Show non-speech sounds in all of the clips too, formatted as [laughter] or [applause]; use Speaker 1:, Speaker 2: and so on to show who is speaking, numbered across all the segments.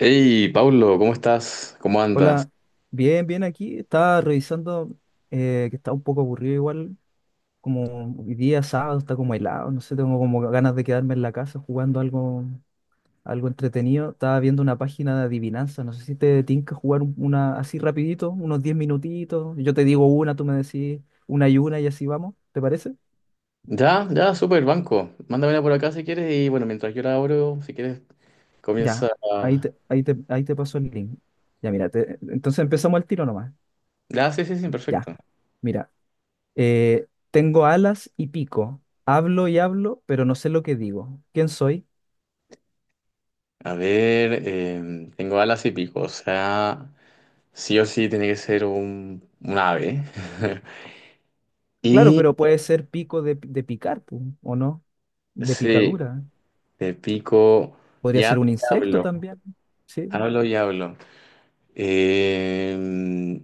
Speaker 1: Hey, Pablo, ¿cómo estás? ¿Cómo andas?
Speaker 2: Hola, bien, bien aquí. Estaba revisando que está un poco aburrido igual, como hoy día sábado está como helado, no sé, tengo como ganas de quedarme en la casa jugando algo, algo entretenido. Estaba viendo una página de adivinanza, no sé si te tinca jugar una así rapidito, unos 10 minutitos. Yo te digo una, tú me decís una y así vamos, ¿te parece?
Speaker 1: Ya, ya, súper, banco. Mándamela por acá si quieres y bueno, mientras yo la abro, si quieres,
Speaker 2: Ya,
Speaker 1: comienza.
Speaker 2: ahí te, ahí te, ahí te paso el link. Ya, mira, entonces empezamos al tiro nomás.
Speaker 1: Ya, sí, sí, sí,
Speaker 2: Ya.
Speaker 1: perfecto.
Speaker 2: Mira, tengo alas y pico. Hablo y hablo, pero no sé lo que digo. ¿Quién soy?
Speaker 1: A ver, tengo alas y pico, o sea, sí o sí tiene que ser un ave. [laughs]
Speaker 2: Claro,
Speaker 1: Y
Speaker 2: pero puede ser pico de picar, pu, ¿o no? De
Speaker 1: sí,
Speaker 2: picadura.
Speaker 1: de pico
Speaker 2: Podría ser un
Speaker 1: y
Speaker 2: insecto
Speaker 1: hablo,
Speaker 2: también. Sí,
Speaker 1: hablo y hablo. Eh,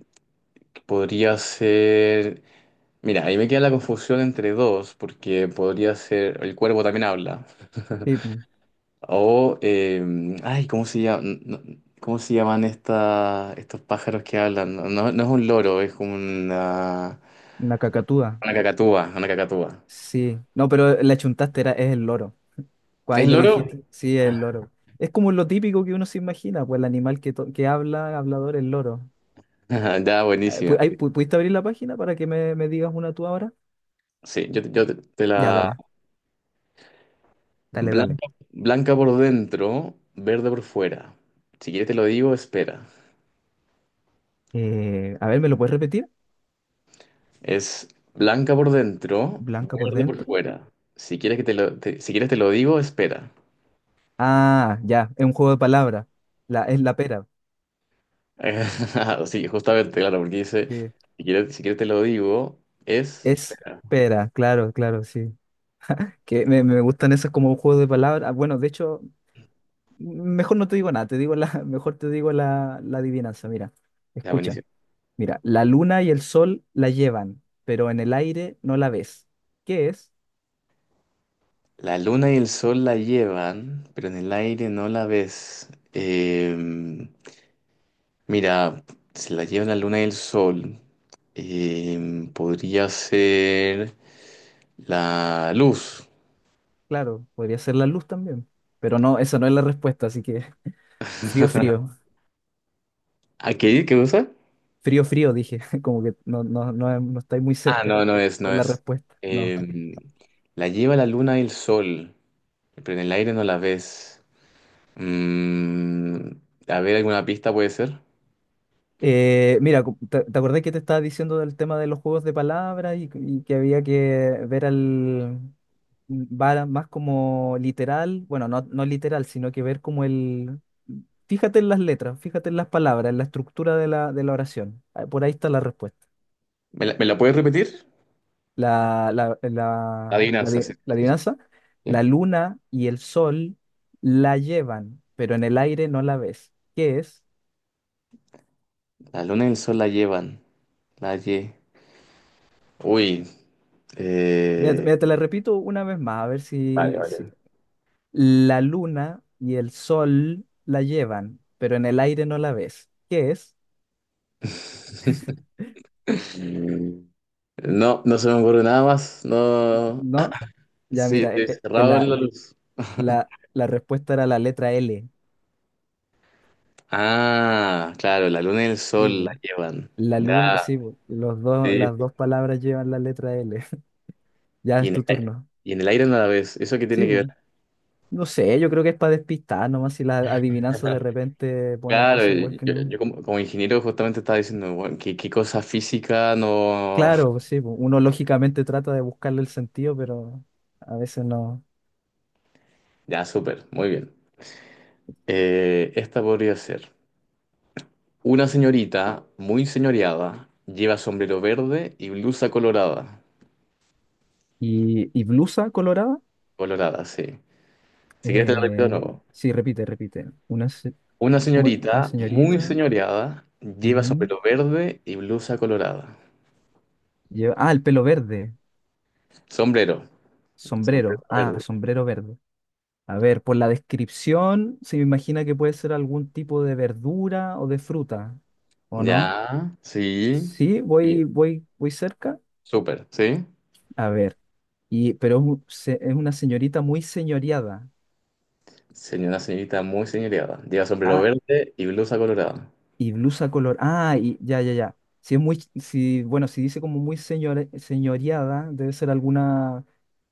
Speaker 1: podría ser. Mira, ahí me queda la confusión entre dos, porque podría ser el cuervo también habla.
Speaker 2: sí, pu,
Speaker 1: O, ay, ¿cómo se llama? ¿Cómo se llaman estos pájaros que hablan? No, no es un loro, es como
Speaker 2: una cacatúa.
Speaker 1: una cacatúa, una cacatúa.
Speaker 2: Sí. No, pero la chuntaste era, es el loro. Ahí
Speaker 1: ¿Es
Speaker 2: lo
Speaker 1: loro?
Speaker 2: dijiste. Sí, es el loro. Es como lo típico que uno se imagina, pues el animal que, que habla, hablador, el loro.
Speaker 1: [laughs] Ya, buenísima.
Speaker 2: ¿Pudiste abrir la página para que me digas una tú ahora?
Speaker 1: Sí, yo te
Speaker 2: Ya,
Speaker 1: la...
Speaker 2: dale, dale, dale.
Speaker 1: Blanca, blanca por dentro, verde por fuera. Si quieres te lo digo, espera.
Speaker 2: A ver, ¿me lo puedes repetir?
Speaker 1: Es blanca por dentro,
Speaker 2: Blanca por
Speaker 1: verde por
Speaker 2: dentro.
Speaker 1: fuera. Si quieres que si quieres te lo digo, Espera.
Speaker 2: Ah, ya, es un juego de palabras. La, es la pera.
Speaker 1: [laughs] Sí, justamente, claro, porque dice,
Speaker 2: Sí.
Speaker 1: si quieres, si quieres te lo digo, es...
Speaker 2: Es
Speaker 1: Espera.
Speaker 2: pera, claro, claro, sí. Que me gustan esos como juegos de palabras. Ah, bueno, de hecho, mejor no te digo nada, te digo la, [laughs] mejor te digo la, la adivinanza. Mira,
Speaker 1: Ya,
Speaker 2: escucha.
Speaker 1: buenísimo.
Speaker 2: Mira, la luna y el sol la llevan, pero en el aire no la ves. ¿Qué es?
Speaker 1: La luna y el sol la llevan, pero en el aire no la ves. Mira, si la llevan la luna y el sol, podría ser la luz.
Speaker 2: Claro, podría ser la luz también. Pero no, esa no es la respuesta, así que [laughs] frío, frío.
Speaker 1: ¿A qué? ¿Qué usa?
Speaker 2: Frío, frío, dije, [laughs] como que no, no, no, no estáis muy
Speaker 1: Ah,
Speaker 2: cerca
Speaker 1: no, no es, no
Speaker 2: con la
Speaker 1: es.
Speaker 2: respuesta. No.
Speaker 1: Em, la lleva la luna y el sol, pero en el aire no la ves. Mm, a ver, ¿alguna pista puede ser?
Speaker 2: Mira, ¿te, te acordás que te estaba diciendo del tema de los juegos de palabras y que había que ver al va más como literal, bueno, no, no literal, sino que ver como el... Fíjate en las letras, fíjate en las palabras, en la estructura de la oración. Ah, por ahí está la respuesta.
Speaker 1: ¿Me me la puedes repetir?
Speaker 2: la, la,
Speaker 1: La
Speaker 2: la, la
Speaker 1: adivinanza,
Speaker 2: adi-
Speaker 1: sí.
Speaker 2: la
Speaker 1: Sí, sí.
Speaker 2: adivinanza, la
Speaker 1: Bien.
Speaker 2: luna y el sol la llevan, pero en el aire no la ves. ¿Qué es?
Speaker 1: La luna y el sol la llevan. La lle... Uy.
Speaker 2: Mira, te
Speaker 1: eh,
Speaker 2: mira, te la repito una vez más, a ver
Speaker 1: Vale,
Speaker 2: si, si...
Speaker 1: vale.
Speaker 2: La luna y el sol la llevan, pero en el aire no la ves. ¿Qué es?
Speaker 1: Mm, no, no se me ocurre nada más. No. Ah,
Speaker 2: ¿No? Ya
Speaker 1: sí,
Speaker 2: mira,
Speaker 1: estoy cerrado en la luz.
Speaker 2: la respuesta era la letra L.
Speaker 1: Ah, claro, la luna y el
Speaker 2: Sí,
Speaker 1: sol la
Speaker 2: po.
Speaker 1: llevan.
Speaker 2: La
Speaker 1: Ya.
Speaker 2: luna, sí, po. Los dos,
Speaker 1: Sí.
Speaker 2: las dos palabras llevan la letra L. [laughs] Ya
Speaker 1: Y
Speaker 2: es
Speaker 1: en el
Speaker 2: tu
Speaker 1: aire,
Speaker 2: turno.
Speaker 1: y en el aire nada vez, ¿eso qué tiene
Speaker 2: Sí,
Speaker 1: que ver?
Speaker 2: po. No sé, yo creo que es para despistar nomás si las adivinanzas de
Speaker 1: [laughs]
Speaker 2: repente ponen
Speaker 1: Claro,
Speaker 2: cosas igual que
Speaker 1: yo,
Speaker 2: no.
Speaker 1: yo como, como ingeniero justamente estaba diciendo, bueno, qué cosa física no...
Speaker 2: Claro, pues
Speaker 1: [laughs]
Speaker 2: sí, pues, uno lógicamente trata de buscarle el sentido, pero a veces no.
Speaker 1: Ya, súper, muy bien. Esta podría ser. Una señorita muy señoreada lleva sombrero verde y blusa colorada.
Speaker 2: Y blusa colorada,
Speaker 1: Colorada, sí. Si quieres te lo repito de
Speaker 2: eh,
Speaker 1: nuevo.
Speaker 2: sí, repite, repite. Una,
Speaker 1: Una
Speaker 2: ¿cómo era? Una
Speaker 1: señorita muy
Speaker 2: señorita.
Speaker 1: señoreada lleva
Speaker 2: Ujú,
Speaker 1: sombrero verde y blusa colorada.
Speaker 2: ah, el pelo verde,
Speaker 1: Sombrero. Sombrero
Speaker 2: sombrero. Ah,
Speaker 1: verde.
Speaker 2: sombrero verde. A ver, por la descripción se me imagina que puede ser algún tipo de verdura o de fruta, ¿o no?
Speaker 1: Ya, sí.
Speaker 2: Sí, voy, voy, voy cerca.
Speaker 1: Súper, ¿sí?
Speaker 2: A ver, y, pero es, es una señorita muy señoreada.
Speaker 1: Sería una señorita muy señoreada. Lleva sombrero
Speaker 2: Ah,
Speaker 1: verde y blusa colorada.
Speaker 2: y blusa color. Ah, y ya, ya, ya. Si es muy, si, bueno, si dice como muy señoreada, debe ser alguna,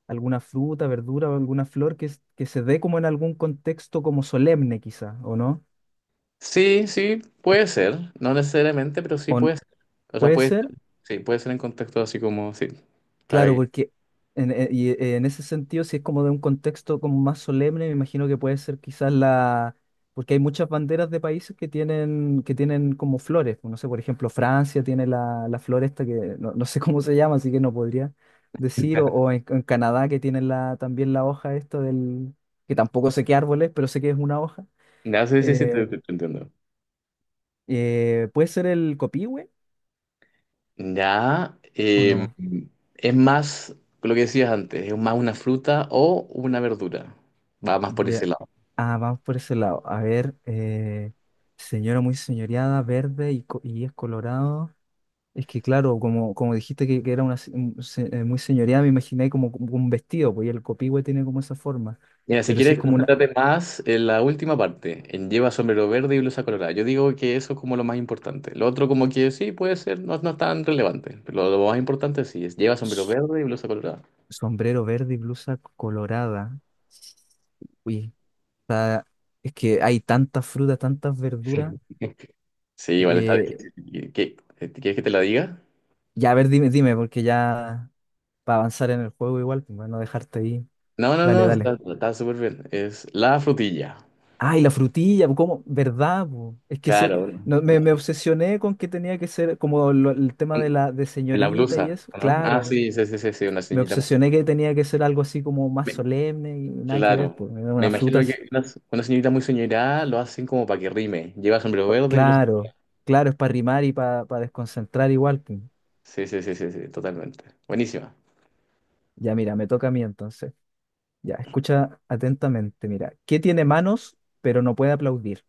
Speaker 2: alguna fruta, verdura o alguna flor que, que se dé como en algún contexto como solemne, quizá, ¿o no?
Speaker 1: Sí, sí, puede ser. No necesariamente, pero sí
Speaker 2: ¿O n-
Speaker 1: puede ser. O sea,
Speaker 2: ¿puede
Speaker 1: puede
Speaker 2: ser?
Speaker 1: ser. Sí, puede ser en contexto así como, sí. Para
Speaker 2: Claro,
Speaker 1: que-
Speaker 2: porque en ese sentido, si es como de un contexto como más solemne, me imagino que puede ser quizás la... Porque hay muchas banderas de países que tienen como flores, pues. No sé, por ejemplo, Francia tiene la, la flor esta que no, no sé [laughs] cómo se llama, así que no podría decir. O en Canadá que tienen la, también la hoja esta del... que tampoco sé qué árbol es, pero sé que es una hoja.
Speaker 1: Ya, sí, sí, sí,
Speaker 2: Eh,
Speaker 1: te entiendo.
Speaker 2: ¿Puede ser el copihue
Speaker 1: Ya,
Speaker 2: o no?
Speaker 1: es más lo que decías antes, es más una fruta o una verdura. Va más por ese
Speaker 2: Ya.
Speaker 1: lado.
Speaker 2: Ah, vamos por ese lado. A ver, señora muy señoreada, verde y, y es colorado. Es que claro, como, como dijiste que era una muy señoreada, me imaginé como, como un vestido, pues y el copihue tiene como esa forma.
Speaker 1: Mira, si
Speaker 2: Pero sí es
Speaker 1: quieres,
Speaker 2: como una
Speaker 1: concéntrate más en la última parte, en lleva sombrero verde y blusa colorada. Yo digo que eso es como lo más importante. Lo otro como que sí, puede ser, no, no es tan relevante, pero lo más importante sí es lleva sombrero
Speaker 2: s-
Speaker 1: verde y blusa colorada.
Speaker 2: sombrero verde y blusa colorada. Uy, está- es que hay tantas frutas, tantas
Speaker 1: Sí,
Speaker 2: verduras.
Speaker 1: [laughs] sí, igual está
Speaker 2: Eh,
Speaker 1: difícil. ¿Qué- qué- ¿Quieres que te la diga?
Speaker 2: ya, a ver, dime, dime, porque ya para avanzar en el juego igual, pues, para no dejarte ahí.
Speaker 1: No, no,
Speaker 2: Dale,
Speaker 1: no,
Speaker 2: dale.
Speaker 1: está súper bien. Es la frutilla.
Speaker 2: Ay, la frutilla, ¿cómo? ¿Verdad, po? Es que se,
Speaker 1: Claro,
Speaker 2: no,
Speaker 1: no,
Speaker 2: me obsesioné con que tenía que ser como el tema de
Speaker 1: no,
Speaker 2: la de
Speaker 1: la
Speaker 2: señorita y
Speaker 1: blusa,
Speaker 2: eso.
Speaker 1: ¿no? Ah,
Speaker 2: Claro,
Speaker 1: sí, sí, sí, sí, sí, una
Speaker 2: me
Speaker 1: ceñita muy...
Speaker 2: obsesioné que
Speaker 1: severa.
Speaker 2: tenía que ser algo así como más solemne y nada que ver,
Speaker 1: Claro.
Speaker 2: pues,
Speaker 1: Me
Speaker 2: unas
Speaker 1: imagino
Speaker 2: frutas.
Speaker 1: que una señorita muy soñorada lo hacen como para que rime. Lleva sombrero verde y los...
Speaker 2: Claro, claro, es para rimar y para desconcentrar igual, pues.
Speaker 1: Sí, sí, sí, sí, sí, totalmente. Buenísima.
Speaker 2: Ya, mira, me toca a mí entonces. Ya, escucha atentamente, mira. ¿Qué tiene manos pero no puede aplaudir?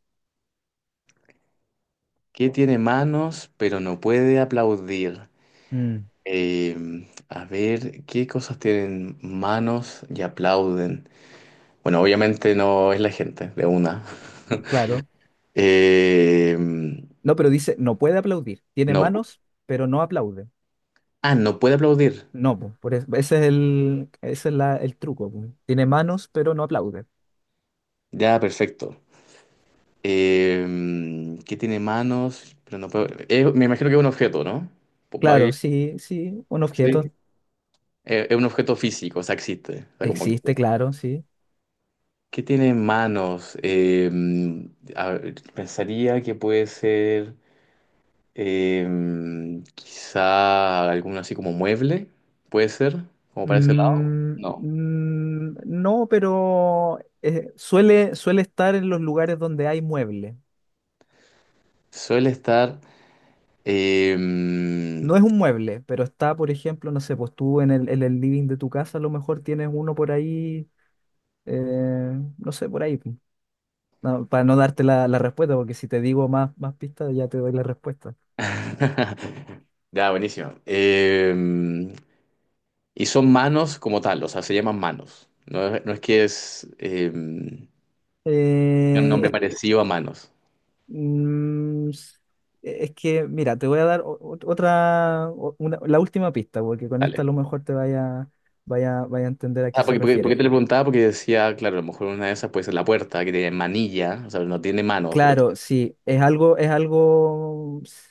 Speaker 1: ¿Qué tiene manos pero no puede aplaudir?
Speaker 2: Mm,
Speaker 1: Eh, a ver, ¿qué cosas tienen manos y aplauden? Bueno, obviamente no es la gente, de una.
Speaker 2: claro.
Speaker 1: Eh, no,
Speaker 2: No, pero dice, no puede aplaudir. Tiene manos pero no aplaude.
Speaker 1: ah, no puede aplaudir.
Speaker 2: No, po, por eso, ese es el, ese es el truco, po. Tiene manos, pero no aplaude.
Speaker 1: Ya, perfecto. ¿Qué tiene manos pero no puede... me imagino que es un objeto, ¿no? Va
Speaker 2: Claro, sí, sí, un
Speaker 1: Sí,
Speaker 2: objeto
Speaker 1: es un objeto físico, o sea, existe. O sea, como que,
Speaker 2: existe, claro, sí.
Speaker 1: ¿qué tiene manos? A ver, pensaría que puede ser eh, quizá alguno así como mueble, puede ser, como para ese lado. No,
Speaker 2: No, pero suele, suele estar en los lugares donde hay mueble.
Speaker 1: suele estar... eh,
Speaker 2: No es un mueble, pero está, por ejemplo, no sé, pues tú en el living de tu casa a lo mejor tienes uno por ahí, eh, no sé, por ahí, po. No, para no darte la, la respuesta, porque si te digo más, más pistas ya te doy la respuesta.
Speaker 1: [laughs] Ya, buenísimo. Y son manos como tal, o sea, se llaman manos. No es, no es que es... tiene un nombre
Speaker 2: Eh,
Speaker 1: parecido a manos.
Speaker 2: Mm, s- es que, mira, te voy a dar otra, la última pista, porque con esta a lo mejor te vaya, vaya, vaya a entender a qué
Speaker 1: Ah,
Speaker 2: se
Speaker 1: porque, porque, porque
Speaker 2: refiere.
Speaker 1: te lo preguntaba, porque decía, claro, a lo mejor una de esas puede ser la puerta, que tiene manilla, o sea, no tiene manos, pero
Speaker 2: Claro, sí, es algo, s-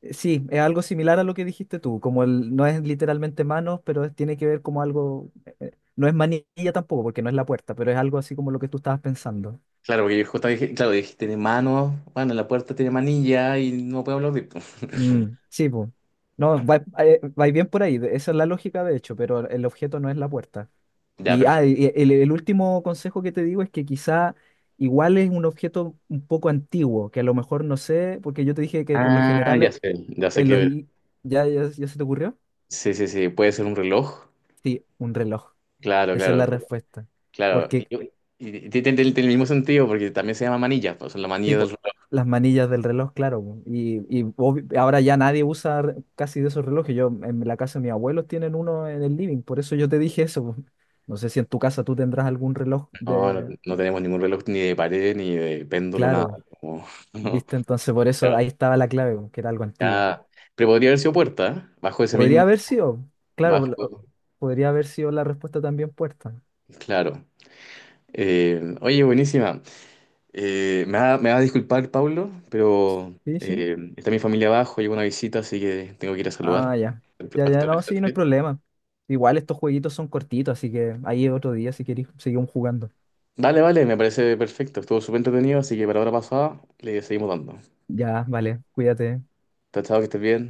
Speaker 2: eh, sí, es algo similar a lo que dijiste tú, como el, no es literalmente manos, pero tiene que ver como algo, no es manilla tampoco, porque no es la puerta, pero es algo así como lo que tú estabas pensando.
Speaker 1: claro, porque yo justo dije, claro, dije, tiene manos, bueno, la puerta tiene manilla y no puedo hablar de...
Speaker 2: Mm,
Speaker 1: [laughs]
Speaker 2: sí, pues. No, va, va bien por ahí, esa es la lógica de hecho, pero el objeto no es la puerta.
Speaker 1: Ya,
Speaker 2: Y ah,
Speaker 1: perfecto.
Speaker 2: y el último consejo que te digo es que quizá igual es un objeto un poco antiguo, que a lo mejor no sé, porque yo te dije que por lo
Speaker 1: Ah,
Speaker 2: general
Speaker 1: ya sé
Speaker 2: en los...
Speaker 1: que...
Speaker 2: li- ¿ya, ya, ya se te ocurrió?
Speaker 1: Sí, sí, sí, puede ser un reloj.
Speaker 2: Sí, un reloj.
Speaker 1: Claro,
Speaker 2: Esa es la
Speaker 1: claro,
Speaker 2: respuesta.
Speaker 1: claro.
Speaker 2: Porque,
Speaker 1: Y tiene el mismo sentido, porque también se llama manilla, pues la manilla del
Speaker 2: tipo,
Speaker 1: reloj.
Speaker 2: las manillas del reloj, claro, po. Ahora ya nadie usa casi de esos relojes. Yo en la casa de mis abuelos tienen uno en el living, por eso yo te dije eso, po. No sé si en tu casa tú tendrás algún reloj
Speaker 1: No, no,
Speaker 2: de...
Speaker 1: no tenemos ningún reloj ni de pared, ni de péndulo, nada.
Speaker 2: Claro.
Speaker 1: Como- [laughs] no,
Speaker 2: ¿Viste? Entonces por eso
Speaker 1: claro,
Speaker 2: ahí estaba la clave, po, que era algo antiguo.
Speaker 1: ya. Pero podría haber sido puerta, ¿eh? Bajo ese
Speaker 2: Podría
Speaker 1: mismo...
Speaker 2: haber sido, claro,
Speaker 1: Bajo,
Speaker 2: podría haber sido la respuesta también puerta.
Speaker 1: claro. Oye, buenísima. Me va a disculpar, Pablo, pero
Speaker 2: Sí, sí.
Speaker 1: está mi familia abajo, llegó una visita, así que tengo que ir a saludar.
Speaker 2: Ah, ya. Ya, ya, no, sí, no hay
Speaker 1: Actualmente.
Speaker 2: problema. Igual estos jueguitos son cortitos, así que ahí otro día si queréis seguimos jugando.
Speaker 1: Dale, vale, me parece perfecto. Estuvo súper entretenido, así que para la hora pasada le seguimos dando.
Speaker 2: Ya, vale, cuídate.
Speaker 1: Chao, chao, que estés bien.